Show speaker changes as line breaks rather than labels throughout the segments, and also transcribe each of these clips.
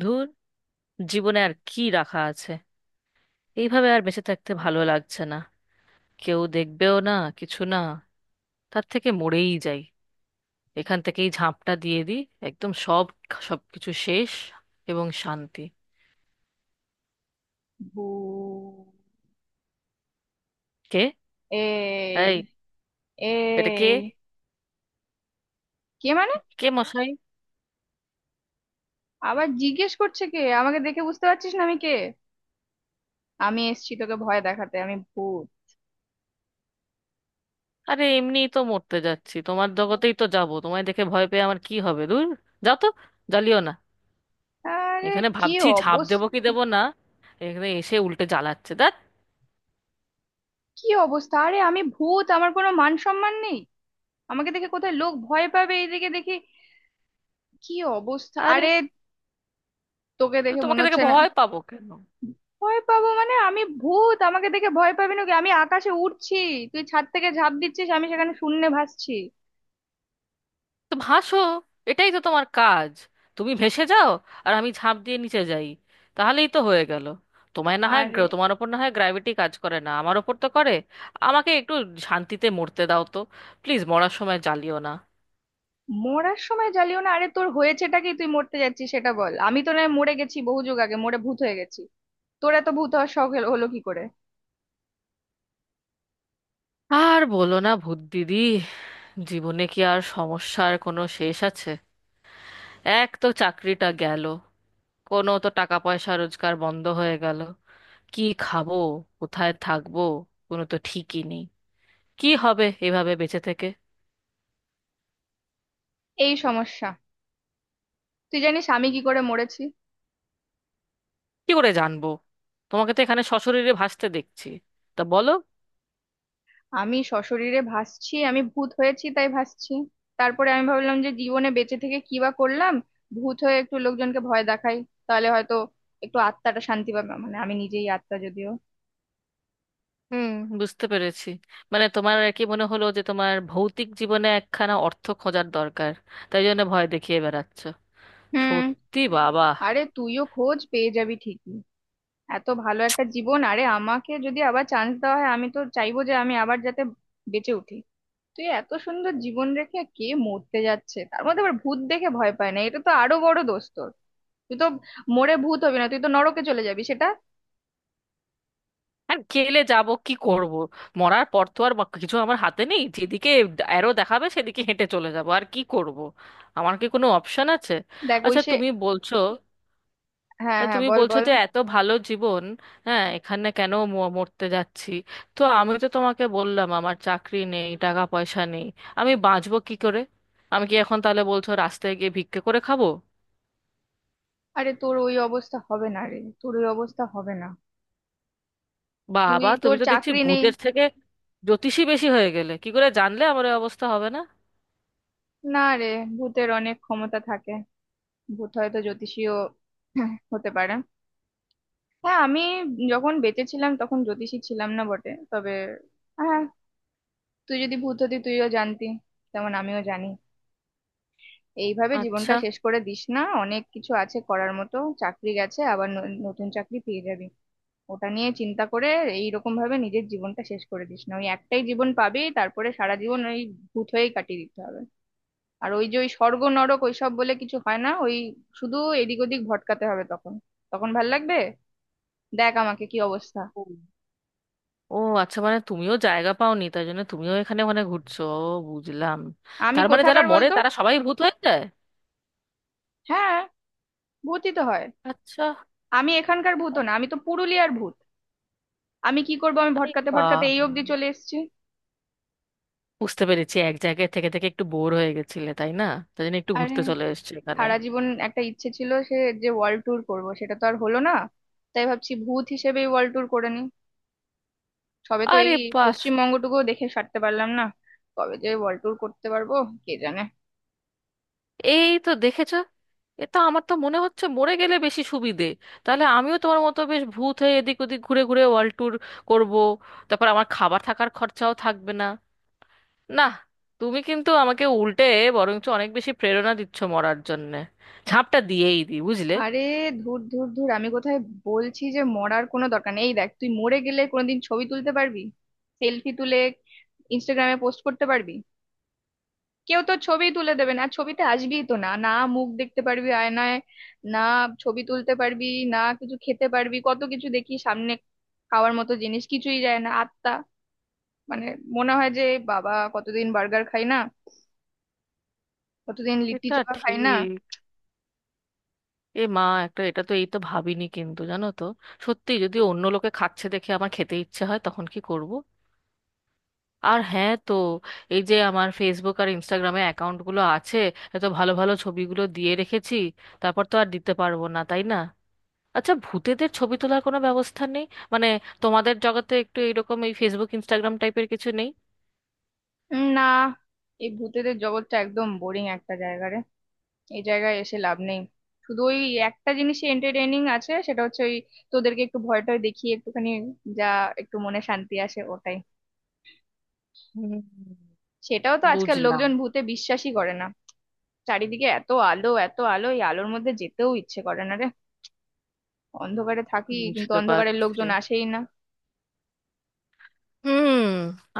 ধুর, জীবনে আর কি রাখা আছে? এইভাবে আর বেঁচে থাকতে ভালো লাগছে না। কেউ দেখবেও না, কিছু না। তার থেকে মরেই যাই। এখান থেকেই ঝাঁপটা দিয়ে দিই। একদম সব, সবকিছু শেষ এবং শান্তি।
বু।
কে?
এই
এই, এটা কে?
এই কে মানে?
কে মশাই?
আবার জিজ্ঞেস করছে কে? আমাকে দেখে বুঝতে পারছিস না আমি কে? আমি এসছি তোকে ভয় দেখাতে, আমি ভূত।
আরে এমনিই তো মরতে যাচ্ছি, তোমার জগতেই তো যাব, তোমায় দেখে ভয় পেয়ে আমার কি হবে? দূর, যাও তো, জ্বালিও না।
আরে
এখানে
কি
ভাবছি ঝাঁপ দেবো কি
অবস্থা!
দেবো না, এখানে এসে উল্টে জ্বালাচ্ছে, দেখ।
কি অবস্থা আরে, আমি ভূত, আমার কোনো মান সম্মান নেই। আমাকে দেখে কোথায় লোক ভয় পাবে, এইদিকে দেখি কি অবস্থা!
আরে,
আরে তোকে
তো
দেখে মনে
তোমাকে দেখে
হচ্ছে না
ভয় পাবো কেন?
ভয় পাবো মানে? আমি ভূত, আমাকে দেখে ভয় পাবি না? কি আমি আকাশে উড়ছি, তুই ছাদ থেকে ঝাঁপ দিচ্ছিস, আমি সেখানে শূন্যে ভাসছি।
তো ভাসো, এটাই তো তোমার কাজ। তুমি ভেসে যাও, আর আমি ঝাঁপ দিয়ে নিচে যাই, তাহলেই তো হয়ে গেল। তোমায় না হয়
আরে
তোমার ওপর না হয় গ্র্যাভিটি কাজ করে না, আমার ওপর তো করে। আমাকে একটু শান্তিতে মরতে দাও তো, প্লিজ মরার সময় জ্বালিও না।
মরার সময় জ্বালিও না? আরে তোর হয়েছেটা কি, তুই মরতে যাচ্ছিস সেটা বল, আমি তো নয় মরে গেছি, বহু যুগ আগে মরে ভূত হয়ে গেছি। তোর এত ভূত হওয়ার শখ হলো হলো কি করে?
আর বলো না, ভূত দিদি, জীবনে কি আর সমস্যার কোনো শেষ আছে? এক তো চাকরিটা গেল, কোনো তো টাকা পয়সা রোজগার বন্ধ হয়ে গেল। কি খাবো, কোথায় থাকবো, কোনো তো ঠিকই নেই। কি হবে এভাবে বেঁচে থেকে?
এই সমস্যা। তুই জানিস আমি কি করে মরেছি?
কি করে জানবো? তোমাকে তো এখানে সশরীরে ভাসতে দেখছি, তা বলো।
আমি সশরীরে ভাসছি, আমি ভূত হয়েছি তাই ভাসছি। তারপরে আমি ভাবলাম যে জীবনে বেঁচে থেকে কি বা করলাম, ভূত হয়ে একটু লোকজনকে ভয় দেখাই, তাহলে হয়তো একটু আত্মাটা শান্তি পাবে, মানে আমি নিজেই আত্মা যদিও।
হুম, বুঝতে পেরেছি। মানে তোমার আর কি মনে হলো যে তোমার ভৌতিক জীবনে একখানা অর্থ খোঁজার দরকার, তাই জন্য ভয় দেখিয়ে বেড়াচ্ছ।
হুম।
সত্যি বাবা।
আরে তুইও খোঁজ পেয়ে যাবি ঠিকই। এত ভালো একটা জীবন, আরে আমাকে যদি আবার চান্স দেওয়া হয় আমি তো চাইবো যে আমি আবার যাতে বেঁচে উঠি। তুই এত সুন্দর জীবন রেখে কে মরতে যাচ্ছে, তার মধ্যে আবার ভূত দেখে ভয় পায় না, এটা তো আরো বড় দোষ তোর। তুই তো মরে ভূত হবি না, তুই তো নরকে চলে যাবি সেটা।
আর গেলে যাব, কি করব? মরার পর তো আর কিছু আমার হাতে নেই, যেদিকে অ্যারো দেখাবে সেদিকে হেঁটে চলে যাব, আর কি করব? আমার কি কোনো অপশন আছে?
দেখ ওই
আচ্ছা,
সে,
তুমি বলছো,
হ্যাঁ
তা
হ্যাঁ
তুমি
বল
বলছো
বল।
যে এত ভালো জীবন, হ্যাঁ, এখানে কেন মরতে যাচ্ছি? তো আমি তো তোমাকে বললাম আমার চাকরি নেই, টাকা পয়সা নেই, আমি বাঁচবো কি করে? আমি কি এখন, তাহলে বলছো রাস্তায় গিয়ে ভিক্ষে করে খাবো?
আরে তোর ওই অবস্থা হবে না রে, তোর ওই অবস্থা হবে না। তুই
বাবা,
তোর
তুমি তো দেখছি
চাকরি নেই।
ভূতের থেকে জ্যোতিষী বেশি হয়ে গেলে। কি করে জানলে আমার এই অবস্থা হবে না?
না রে, ভূতের অনেক ক্ষমতা থাকে, ভূত হয়তো জ্যোতিষীও হতে পারে। হ্যাঁ আমি যখন বেঁচে ছিলাম তখন জ্যোতিষী ছিলাম না বটে, তবে হ্যাঁ, তুই যদি ভূত হতি তুইও জানতি, তেমন আমিও জানি। এইভাবে জীবনটা
আচ্ছা।
শেষ করে দিস না, অনেক কিছু আছে করার মতো, চাকরি গেছে আবার নতুন চাকরি পেয়ে যাবি। ওটা নিয়ে চিন্তা করে এইরকম ভাবে নিজের জীবনটা শেষ করে দিস না, ওই একটাই জীবন পাবি, তারপরে সারা জীবন ওই ভূত হয়েই কাটিয়ে দিতে হবে। আর ওই যে ওই স্বর্গ নরক ওইসব বলে কিছু হয় না, ওই শুধু এদিক ওদিক ভটকাতে হবে তখন, তখন ভাল লাগবে। দেখ আমাকে কি অবস্থা।
ও। ও, আচ্ছা, মানে তুমিও জায়গা পাওনি, তাই জন্য তুমিও এখানে ওখানে ঘুরছো। ও, বুঝলাম।
আমি
তার মানে যারা
কোথাকার
মরে
বলতো?
তারা সবাই ভূত হয়ে যায়?
হ্যাঁ ভূতই তো হয়।
আচ্ছা।
আমি এখানকার ভূত না, আমি তো পুরুলিয়ার ভূত, আমি কি করবো, আমি
আরে
ভটকাতে
বাবা,
ভটকাতে এই অবধি চলে এসেছি।
বুঝতে পেরেছি, এক জায়গায় থেকে থেকে একটু বোর হয়ে গেছিলে, তাই না? তাই জন্য একটু
আরে
ঘুরতে চলে এসেছো এখানে।
সারা জীবন একটা ইচ্ছে ছিল সে, যে ওয়ার্ল্ড ট্যুর করবো, সেটা তো আর হলো না, তাই ভাবছি ভূত হিসেবেই ওয়ার্ল্ড ট্যুর করে নি। সবে তো
আরে
এই
পাস।
পশ্চিমবঙ্গটুকু দেখে সারতে পারলাম না, কবে যে ওয়ার্ল্ড ট্যুর করতে পারবো কে জানে।
এই তো দেখেছো, এ তো, আমার তো মনে হচ্ছে মরে গেলে বেশি সুবিধে। তাহলে আমিও তোমার মতো বেশ ভূত হয়ে এদিক ওদিক ঘুরে ঘুরে ওয়ার্ল্ড ট্যুর করবো। তারপর আমার খাবার থাকার খরচাও থাকবে না। না, তুমি কিন্তু আমাকে উল্টে বরঞ্চ অনেক বেশি প্রেরণা দিচ্ছ মরার জন্যে। ঝাঁপটা দিয়েই দি, বুঝলে।
আরে ধুর ধুর ধুর, আমি কোথায়! বলছি যে মরার কোনো দরকার নেই, এই দেখ তুই মরে গেলে কোনোদিন ছবি তুলতে পারবি? সেলফি তুলে ইনস্টাগ্রামে পোস্ট করতে পারবি? কেউ তোর ছবি তুলে দেবে না, ছবিতে আসবিই তো না, না মুখ দেখতে পারবি আয়নায়, না ছবি তুলতে পারবি, না কিছু খেতে পারবি। কত কিছু দেখি সামনে খাওয়ার মতো জিনিস, কিছুই যায় না আত্মা মানে, মনে হয় যে বাবা কতদিন বার্গার খাই না, কতদিন লিট্টি
এটা
চোখা খাই না।
ঠিক। এ মা, একটা এটা তো, এই তো ভাবিনি, কিন্তু জানো তো সত্যি, যদি অন্য লোকে খাচ্ছে দেখে আমার খেতে ইচ্ছে হয় তখন কি করব? আর হ্যাঁ, তো এই যে আমার ফেসবুক আর ইনস্টাগ্রামে অ্যাকাউন্টগুলো আছে, এত ভালো ভালো ছবিগুলো দিয়ে রেখেছি, তারপর তো আর দিতে পারবো না, তাই না? আচ্ছা, ভূতেদের ছবি তোলার কোনো ব্যবস্থা নেই? মানে তোমাদের জগতে একটু এরকম এই ফেসবুক ইনস্টাগ্রাম টাইপের কিছু নেই?
না, এই ভূতেদের জগৎটা একদম বোরিং একটা জায়গা রে, এই জায়গায় এসে লাভ নেই। শুধু ওই একটা জিনিসে এন্টারটেইনিং আছে, সেটা হচ্ছে ওই তোদেরকে একটু ভয়টা দেখিয়ে একটুখানি, যা, একটু মনে শান্তি আসে ওটাই।
হুম,
সেটাও তো আজকাল
বুঝলাম।
লোকজন ভূতে বিশ্বাসই করে না। চারিদিকে এত আলো এত আলো, এই আলোর মধ্যে যেতেও ইচ্ছে করে না রে, অন্ধকারে থাকি কিন্তু
বুঝতে
অন্ধকারের
পারছি।
লোকজন আসেই না।
হুম।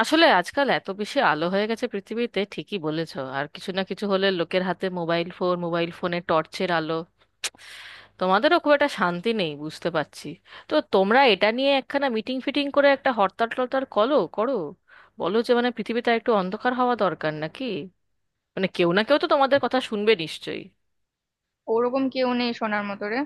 আসলে আজকাল এত বেশি আলো হয়ে গেছে পৃথিবীতে, ঠিকই বলেছো, আর কিছু না কিছু হলে লোকের হাতে মোবাইল ফোন, মোবাইল ফোনে টর্চের আলো। তোমাদেরও খুব একটা শান্তি নেই, বুঝতে পারছি। তো তোমরা এটা নিয়ে একখানা মিটিং ফিটিং করে একটা হরতাল টরতাল করো করো। বলো যে মানে পৃথিবীটা একটু অন্ধকার হওয়া দরকার নাকি। মানে কেউ না কেউ তো তোমাদের কথা শুনবে নিশ্চয়ই।
ওরকম কেউ নেই সোনার মতো রে,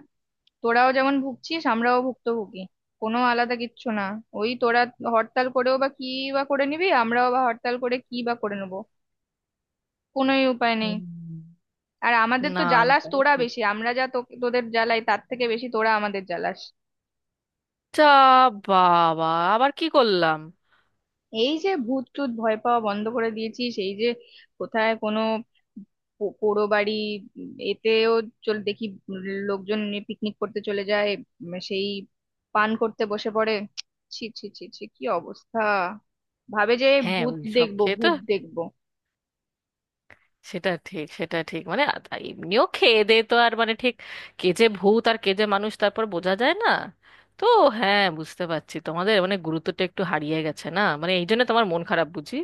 তোরাও যেমন ভুগছিস আমরাও ভুক্তভোগী, কোনো আলাদা কিচ্ছু না। ওই তোরা হরতাল করেও বা কি বা করে নিবি, আমরাও বা হরতাল করে কি বা করে নেবো, কোনোই উপায় নেই।
হুম।
আর আমাদের
না,
তো জ্বালাস
এটাও
তোরা
ঠিক।
বেশি, আমরা যা তোদের জ্বালাই তার থেকে বেশি তোরা আমাদের জ্বালাস।
তা বাবা, আবার কি করলাম?
এই যে ভূত টুত ভয় পাওয়া বন্ধ করে দিয়েছিস, এই যে কোথায় কোনো পোড়ো বাড়ি, এতেও চল দেখি লোকজন পিকনিক করতে চলে যায়, সেই পান করতে বসে পড়ে। ছি ছি ছি ছি কি অবস্থা, ভাবে যে
হ্যাঁ,
ভূত
ওইসব
দেখবো
খেয়ে তো
ভূত দেখবো।
সেটা ঠিক, সেটা ঠিক। মানে এমনিও খেয়ে দে তো, আর মানে ঠিক কে যে ভূত আর কে যে মানুষ তারপর বোঝা যায় না। তো হ্যাঁ, বুঝতে পারছি, তোমাদের মানে গুরুত্বটা একটু হারিয়ে গেছে, না? মানে এই জন্য তোমার মন খারাপ বুঝি।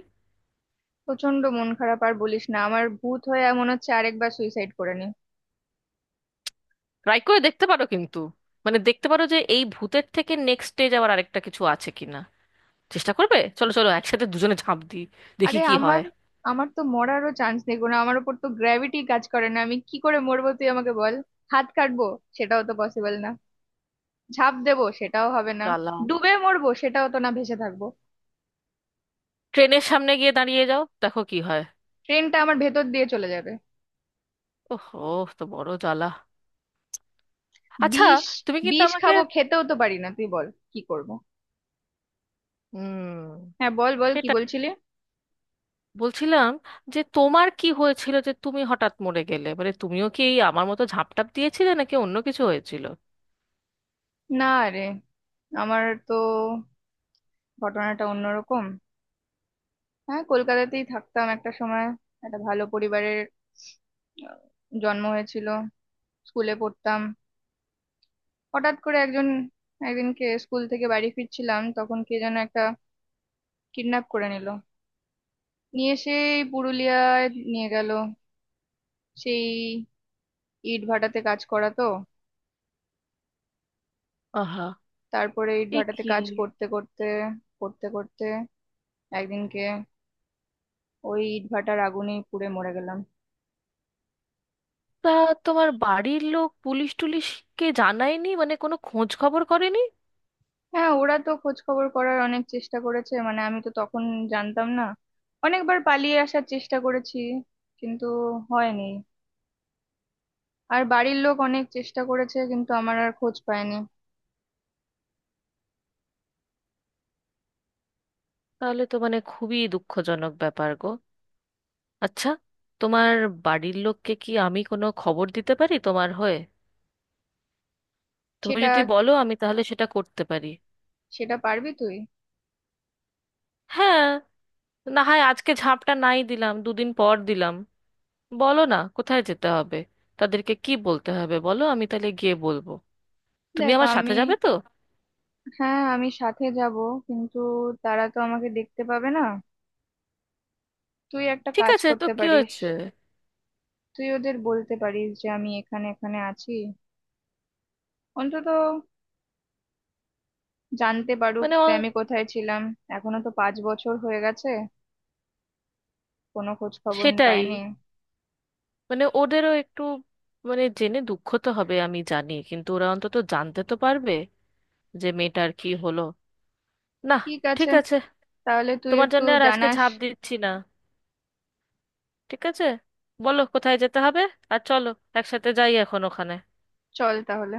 প্রচন্ড মন খারাপ, আর বলিস না, আমার ভূত হয়ে মনে হচ্ছে আরেকবার সুইসাইড করে নি।
ট্রাই করে দেখতে পারো কিন্তু। মানে দেখতে পারো যে এই ভূতের থেকে নেক্সট স্টেজ আবার আরেকটা কিছু আছে কিনা। চেষ্টা করবে? চলো চলো, একসাথে দুজনে ঝাঁপ দিই, দেখি
আরে
কি
আমার
হয়।
আমার তো মরারও চান্স দেখবো না, আমার উপর তো গ্র্যাভিটি কাজ করে না, আমি কি করে মরবো তুই আমাকে বল। হাত কাটবো, সেটাও তো পসিবল না, ঝাঁপ দেবো সেটাও হবে না,
জ্বালা।
ডুবে মরবো সেটাও তো না, ভেসে থাকবো।
ট্রেনের সামনে গিয়ে দাঁড়িয়ে যাও, দেখো কি হয়।
ট্রেনটা আমার ভেতর দিয়ে চলে যাবে।
ওহ, ও, তো বড় জ্বালা। আচ্ছা।
বিষ,
তুমি কিন্তু
বিষ
আমাকে...
খাবো, খেতেও তো পারি না, তুই বল কি করব।
হুম,
হ্যাঁ বল বল, কি বলছিলি?
বলছিলাম যে তোমার কি হয়েছিল, যে তুমি হঠাৎ মরে গেলে? মানে তুমিও কি এই আমার মতো ঝাঁপটাপ দিয়েছিলে, নাকি অন্য কিছু হয়েছিল?
না রে, আমার তো ঘটনাটা অন্যরকম। হ্যাঁ কলকাতাতেই থাকতাম একটা সময়, একটা ভালো পরিবারের আহ, জন্ম হয়েছিল, স্কুলে পড়তাম। হঠাৎ করে একজন, একদিনকে স্কুল থেকে বাড়ি ফিরছিলাম তখন কে যেন একটা কিডন্যাপ করে নিল, নিয়ে সেই পুরুলিয়ায় নিয়ে গেল, সেই ইট ভাটাতে কাজ করা তো।
আহা।
তারপরে ইট
এ
ভাটাতে
কি।
কাজ করতে করতে করতে করতে একদিনকে ওই ইট ভাটার আগুনেই পুড়ে মরে গেলাম।
তা তোমার বাড়ির লোক পুলিশ টুলিশকে জানায়নি? মানে কোনো খোঁজ খবর করেনি?
হ্যাঁ ওরা তো খোঁজ খবর করার অনেক চেষ্টা করেছে, মানে আমি তো তখন জানতাম না, অনেকবার পালিয়ে আসার চেষ্টা করেছি কিন্তু হয়নি, আর বাড়ির লোক অনেক চেষ্টা করেছে কিন্তু আমার আর খোঁজ পায়নি।
তাহলে তো মানে খুবই দুঃখজনক ব্যাপার গো। আচ্ছা, তোমার বাড়ির লোককে কি আমি কোনো খবর দিতে পারি তোমার হয়ে? তুমি
সেটা,
যদি বলো আমি তাহলে সেটা করতে পারি।
সেটা পারবি তুই?
হ্যাঁ, না হয় আজকে ঝাঁপটা নাই দিলাম, দুদিন পর দিলাম। বলো না কোথায় যেতে হবে, তাদেরকে কি বলতে হবে বলো, আমি তাহলে গিয়ে বলবো। তুমি
দেখ
আমার সাথে
আমি,
যাবে তো?
হ্যাঁ আমি সাথে যাব, কিন্তু তারা তো আমাকে দেখতে পাবে না। তুই একটা
ঠিক
কাজ
আছে, তো
করতে
কি
পারিস,
হয়েছে।
তুই ওদের বলতে পারিস যে আমি এখানে এখানে আছি, অন্তত জানতে পারুক
মানে
যে আমি কোথায় ছিলাম। এখনো তো 5 বছর হয়ে গেছে, কোনো খোঁজ খবর
সেটাই।
পাইনি।
মানে ওদেরও একটু মানে জেনে দুঃখ তো হবে, আমি জানি, কিন্তু ওরা অন্তত জানতে তো পারবে যে মেয়েটার কি হলো, না?
ঠিক
ঠিক
আছে,
আছে।
তাহলে তুই
তোমার
একটু
জন্য আর আজকে
জানাস।
ঝাঁপ দিচ্ছি না। ঠিক আছে, বলো কোথায় যেতে হবে, আর চলো একসাথে যাই এখন ওখানে।
চল তাহলে।